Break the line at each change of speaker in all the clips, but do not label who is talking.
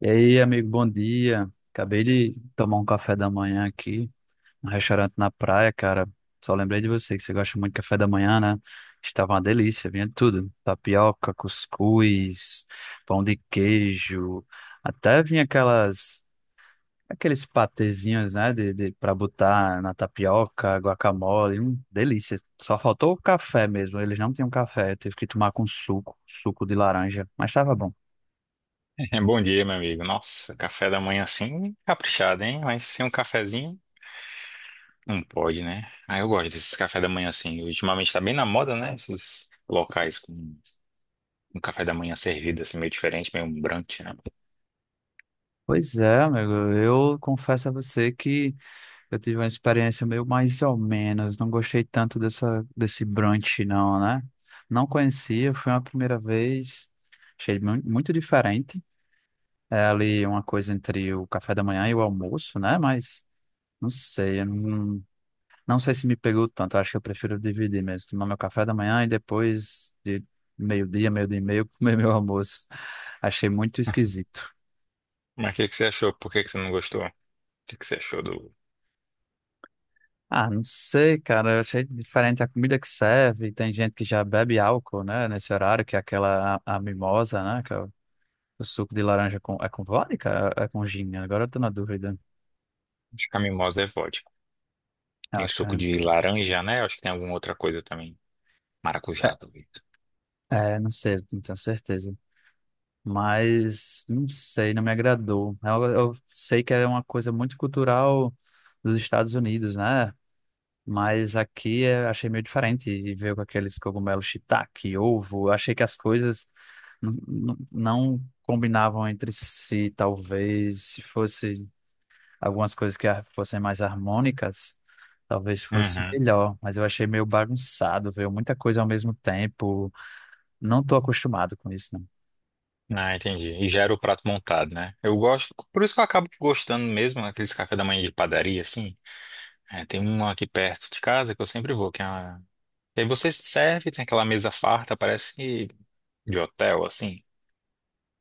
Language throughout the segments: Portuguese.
E aí, amigo, bom dia. Acabei de tomar um café da manhã aqui, um restaurante na praia, cara. Só lembrei de você que você gosta muito de café da manhã, né? Estava uma delícia, vinha de tudo. Tapioca, cuscuz, pão de queijo, até vinha aquelas aqueles patezinhos, né, de para botar na tapioca, guacamole, delícia. Só faltou o café mesmo. Eles não tinham café, eu tive que tomar com suco de laranja, mas estava bom.
É, bom dia, meu amigo. Nossa, café da manhã assim, caprichado, hein? Mas sem um cafezinho, não pode, né? Ah, eu gosto desses café da manhã assim. Ultimamente tá bem na moda, né? Esses locais com um café da manhã servido assim, meio diferente, meio um brunch, né?
Pois é, amigo, eu confesso a você que eu tive uma experiência meio mais ou menos, não gostei tanto desse brunch não, né? Não conhecia, foi uma primeira vez, achei muito diferente, é ali uma coisa entre o café da manhã e o almoço, né? Mas não sei, eu não, não sei se me pegou tanto, acho que eu prefiro dividir mesmo, tomar meu café da manhã e depois de meio-dia, meio-dia e meio, comer meu almoço, achei muito esquisito.
Mas o que você achou? Por que você não gostou? O que você achou do...
Ah, não sei, cara. Eu achei diferente a comida que serve. Tem gente que já bebe álcool, né? Nesse horário, que é a mimosa, né? Que é o suco de laranja com, é com vodka? É, é com gin? Agora eu tô na dúvida.
Acho que a mimosa é vodka.
Eu
Tem
acho que é,
suco de laranja, né? Acho que tem alguma outra coisa também. Maracujá, talvez.
é, é, não sei, não tenho certeza. Mas não sei, não me agradou. Eu sei que é uma coisa muito cultural dos Estados Unidos, né? Mas aqui eu achei meio diferente e veio com aqueles cogumelos shiitake, ovo. Eu achei que as coisas n- não combinavam entre si, talvez se fosse algumas coisas fossem mais harmônicas, talvez fosse
Uhum.
melhor, mas eu achei meio bagunçado, veio muita coisa ao mesmo tempo. Não tô acostumado com isso, não.
Ah, entendi. E já era o prato montado, né? Eu gosto, por isso que eu acabo gostando mesmo aqueles café da manhã de padaria, assim. É, tem um aqui perto de casa que eu sempre vou, que é uma... E aí você se serve, tem aquela mesa farta, parece de hotel, assim.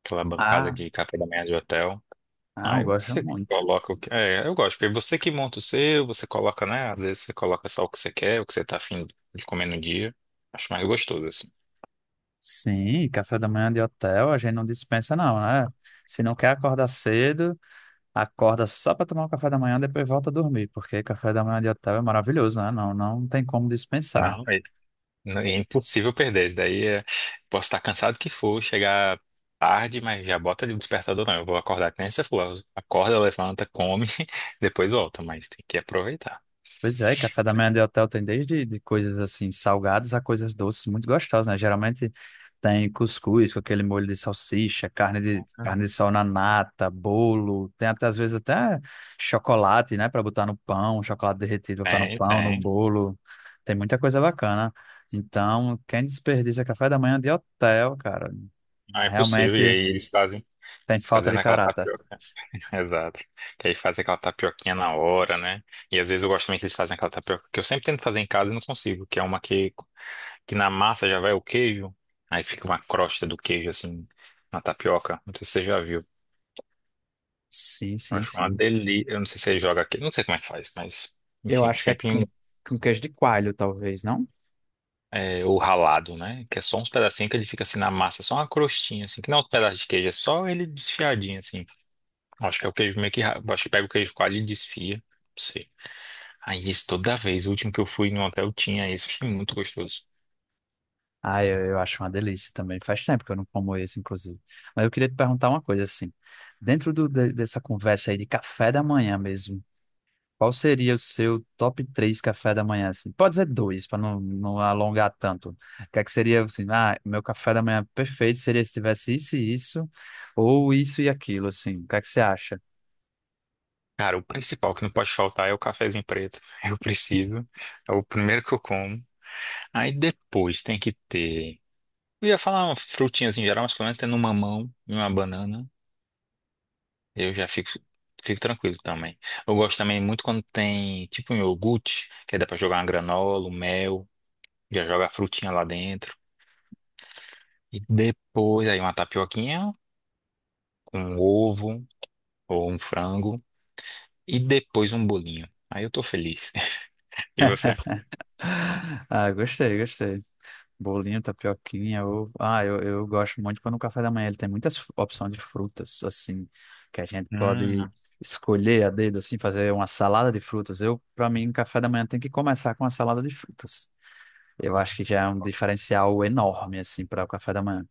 Aquela bancada
Ah,
de café da manhã de hotel.
não,
Aí
gosto
você
muito.
coloca o que... É, eu gosto, porque você que monta o seu, você coloca, né? Às vezes você coloca só o que você quer, o que você tá afim de comer no dia. Acho mais gostoso, assim.
Sim, café da manhã de hotel, a gente não dispensa não, né? Se não quer acordar cedo, acorda só para tomar o café da manhã, depois volta a dormir, porque café da manhã de hotel é maravilhoso, né? Não, não tem como dispensar.
Não, não, é impossível perder. Isso daí é... posso estar cansado que for, chegar tarde, mas já bota ali o despertador, não. Eu vou acordar que nem você falou. Acorda, levanta, come, depois volta, mas tem que aproveitar.
Pois é, café da manhã de hotel tem desde de coisas assim salgadas a coisas doces muito gostosas, né? Geralmente tem cuscuz com aquele molho de salsicha, carne
Uhum.
de sol na nata, bolo, tem até às vezes até chocolate, né, para botar no pão, chocolate derretido pra botar no
Tem,
pão, no
tem.
bolo. Tem muita coisa bacana. Então, quem desperdiça café da manhã de hotel, cara,
Não é possível. E
realmente
aí eles fazem
tem falta
fazendo
de
aquela
caráter.
tapioca. Exato. Que aí fazem aquela tapioquinha na hora, né? E às vezes eu gosto também que eles fazem aquela tapioca que eu sempre tento fazer em casa e não consigo, que é uma que na massa já vai o queijo, aí fica uma crosta do queijo assim na tapioca. Não sei se você já viu.
Sim, sim,
Acho uma
sim.
delícia. Eu não sei se ele joga aqui, não sei como é que faz, mas
Eu
enfim,
acho que é
sempre em-
com queijo de coalho, talvez, não?
é, o ralado, né? Que é só uns pedacinhos que ele fica assim na massa, só uma crostinha, assim, que não é um pedaço de queijo, é só ele desfiadinho, assim. Acho que é o queijo meio que. Ra- acho que pega o queijo coalho e desfia. Não sei. Aí isso toda vez, o último que eu fui no hotel tinha isso, achei muito gostoso.
Ah, eu acho uma delícia também. Faz tempo que eu não como esse, inclusive. Mas eu queria te perguntar uma coisa, assim. Dentro dessa conversa aí de café da manhã mesmo, qual seria o seu top três café da manhã, assim? Pode ser dois, para não alongar tanto. O que é que seria, assim, ah, meu café da manhã perfeito seria se tivesse isso e isso, ou isso e aquilo, assim. O que é que você acha?
Cara, o principal que não pode faltar é o cafezinho preto. Eu preciso. É o primeiro que eu como. Aí depois tem que ter. Eu ia falar uma frutinha assim, em geral, mas pelo menos tendo um mamão e uma banana. Eu já fico, fico tranquilo também. Eu gosto também muito quando tem tipo um iogurte, que aí dá pra jogar uma granola, um mel, já joga a frutinha lá dentro. E depois aí uma tapioquinha com um ovo ou um frango. E depois um bolinho. Aí eu tô feliz. E você?
Ah, gostei, gostei. Bolinho, tapioquinha, ovo. Ah, eu gosto muito quando o café da manhã ele tem muitas opções de frutas, assim, que a gente pode
Hum.
escolher a dedo, assim, fazer uma salada de frutas. Eu, para mim, café da manhã tem que começar com uma salada de frutas. Eu acho que já é um diferencial enorme, assim, para o café da manhã.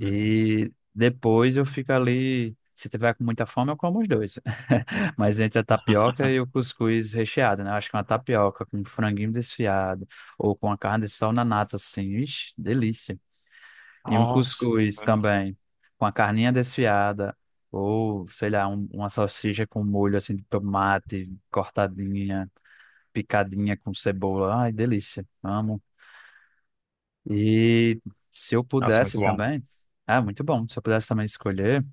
hum.
E depois eu fico ali. Se tiver com muita fome, eu como os dois. Mas entre a tapioca e o cuscuz recheado, né? Eu acho que uma tapioca com um franguinho desfiado ou com a carne de sol na nata, assim. Ixi, delícia. E um
Nossa,
cuscuz também com a carninha desfiada ou, sei lá, uma salsicha com molho, assim, de tomate cortadinha, picadinha com cebola. Ai, delícia. Amo. E se eu
nossa,
pudesse
muito bom.
também, ah, muito bom. Se eu pudesse também escolher,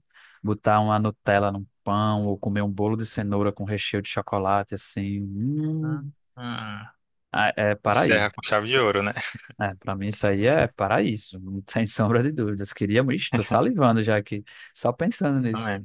botar uma Nutella num pão ou comer um bolo de cenoura com recheio de chocolate, assim,
Hum, hum.
ah, é
Encerra
paraíso.
com chave de ouro, né?
É, para mim isso aí é paraíso, não tem sombra de dúvidas. Queria, ixi, tô salivando já aqui, só pensando nisso.
Também.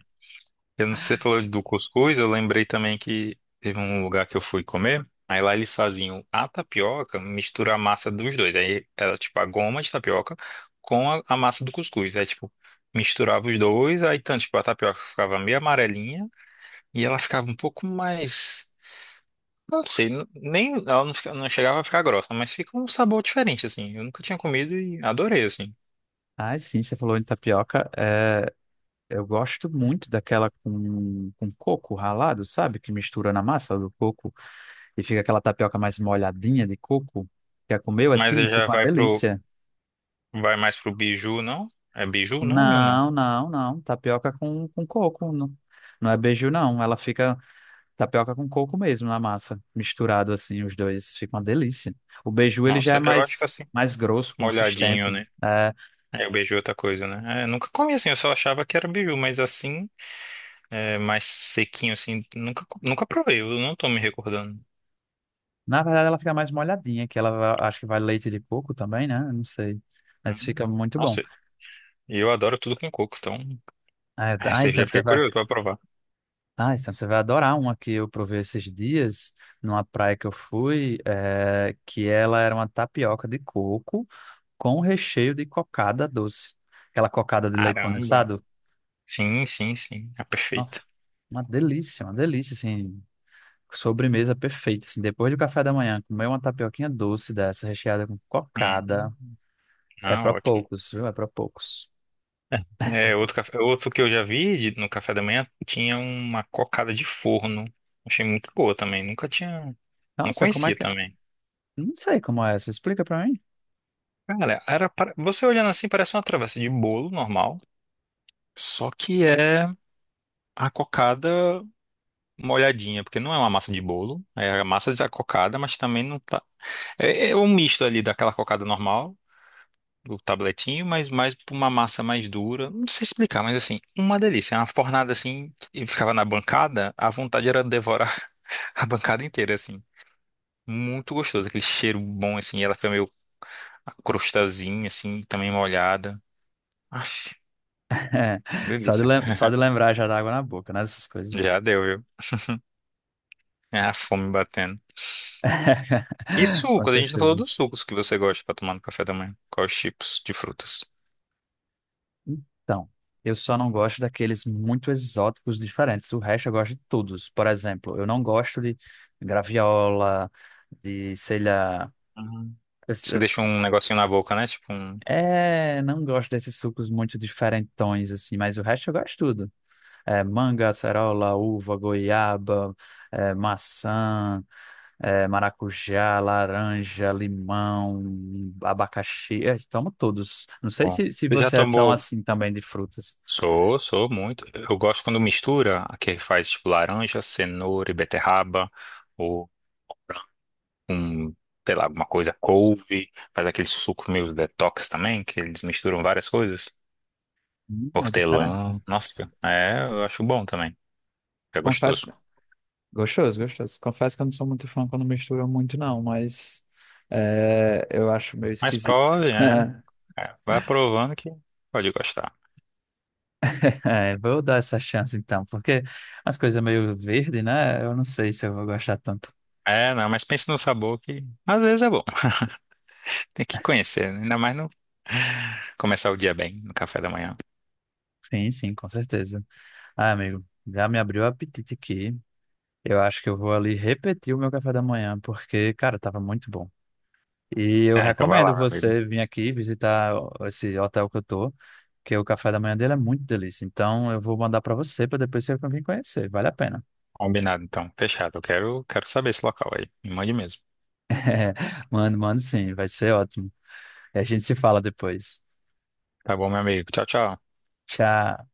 Eu não sei, você falou do cuscuz, eu lembrei também que teve um lugar que eu fui comer, aí lá eles faziam a tapioca, mistura a massa dos dois, aí era tipo a goma de tapioca com a massa do cuscuz, aí tipo, misturava os dois, aí então, tipo, a tapioca ficava meio amarelinha e ela ficava um pouco mais, não sei, nem, ela não, não chegava a ficar grossa, mas fica um sabor diferente, assim, eu nunca tinha comido e adorei, assim.
Ah, sim, você falou em tapioca. É, eu gosto muito daquela com coco ralado, sabe? Que mistura na massa do coco e fica aquela tapioca mais molhadinha de coco. Já comeu
Mas
assim?
aí já
Fica uma
vai pro,
delícia.
vai mais pro biju, não? É biju o nome ou não?
Não, não, não. Tapioca com coco. Não, não é beiju, não. Ela fica tapioca com coco mesmo na massa. Misturado assim, os dois. Fica uma delícia. O beiju, ele já
Nossa,
é
eu acho que assim,
mais grosso,
molhadinho,
consistente.
né?
É,
É, o beiju é outra coisa, né? É, nunca comi assim, eu só achava que era beiju, mas assim, é, mais sequinho assim, nunca, nunca provei, eu não tô me recordando.
na verdade, ela fica mais molhadinha, que ela acho que vai leite de coco também, né? Eu não sei. Mas
Hum,
fica muito bom.
Nossa, e eu adoro tudo com coco, então
É, tá,
essa aí
então
já
você
fiquei
vai.
curioso pra provar.
Ah, então você vai adorar uma que eu provei esses dias numa praia que eu fui, que ela era uma tapioca de coco com recheio de cocada doce. Aquela cocada de leite
Caramba!
condensado.
Sim, sim, sim, é perfeita.
Nossa, uma delícia, assim, sobremesa perfeita, assim, depois do café da manhã, comer uma tapioquinha doce dessa, recheada com cocada,
Hum,
é
Ah,
pra
ótimo.
poucos, viu? É pra poucos.
É, é, outro, outro que eu já vi no café da manhã tinha uma cocada de forno. Achei muito boa também, nunca tinha, não
Nossa, como é
conhecia
que é?
também.
Não sei como é essa, explica pra mim.
Cara, era você olhando assim parece uma travessa de bolo normal, só que é a cocada molhadinha, porque não é uma massa de bolo, é a massa da cocada, mas também não tá. É, é um misto ali daquela cocada normal, do tabletinho, mas mais pra uma massa mais dura. Não sei explicar, mas assim, uma delícia. É uma fornada assim, e ficava na bancada, a vontade era devorar a bancada inteira, assim. Muito gostoso, aquele cheiro bom, assim, e ela fica meio a crostazinha, assim, também molhada. Aff,
É,
delícia.
só de lembrar já dá água na boca, né? Essas coisas.
Já deu, viu? É a fome batendo. E
Com
sucos? A gente não falou
certeza.
dos sucos que você gosta pra tomar no café da manhã. Quais tipos de frutas?
Então, eu só não gosto daqueles muito exóticos diferentes. O resto eu gosto de todos. Por exemplo, eu não gosto de graviola, de, sei lá.
Uhum.
eu s-
Você deixa um negocinho na boca, né? Tipo um.
É, não gosto desses sucos muito diferentões, assim, mas o resto eu gosto de tudo. É, manga, acerola, uva, goiaba, é, maçã, é, maracujá, laranja, limão, abacaxi. É, tomo todos. Não sei
Bom.
se
Você já
você é tão
tomou?
assim também de frutas.
Sou, sou muito. Eu gosto quando mistura, que faz tipo laranja, cenoura e beterraba, ou um, sei lá, alguma coisa, couve, faz aquele suco meio detox também, que eles misturam várias coisas.
É diferente.
Hortelã, nossa, é, eu acho bom também. É
Confesso
gostoso.
que... Gostoso, gostoso. Confesso que eu não sou muito fã quando misturam muito, não, mas é, eu acho meio
Mas
esquisito.
prove, né? É, vai provando que pode gostar.
É, vou dar essa chance então, porque as coisas meio verde, né? Eu não sei se eu vou gostar tanto.
É, não, mas pense no sabor que às vezes é bom. Tem que conhecer, né? Ainda mais no começar o dia bem, no café da manhã.
Sim, sim, com certeza. Ah, amigo, já me abriu o apetite aqui. Eu acho que eu vou ali repetir o meu café da manhã, porque, cara, tava muito bom. E eu
É, então vai lá,
recomendo
meu amigo.
você vir aqui visitar esse hotel que eu tô, que o café da manhã dele é muito delícia. Então, eu vou mandar pra você para depois você vir conhecer. Vale a pena.
Combinado, então. Fechado. Eu quero, quero saber esse local aí. Me mande mesmo.
Mano, sim, vai ser ótimo. E a gente se fala depois.
Tá bom, meu amigo. Tchau, tchau.
Tchau.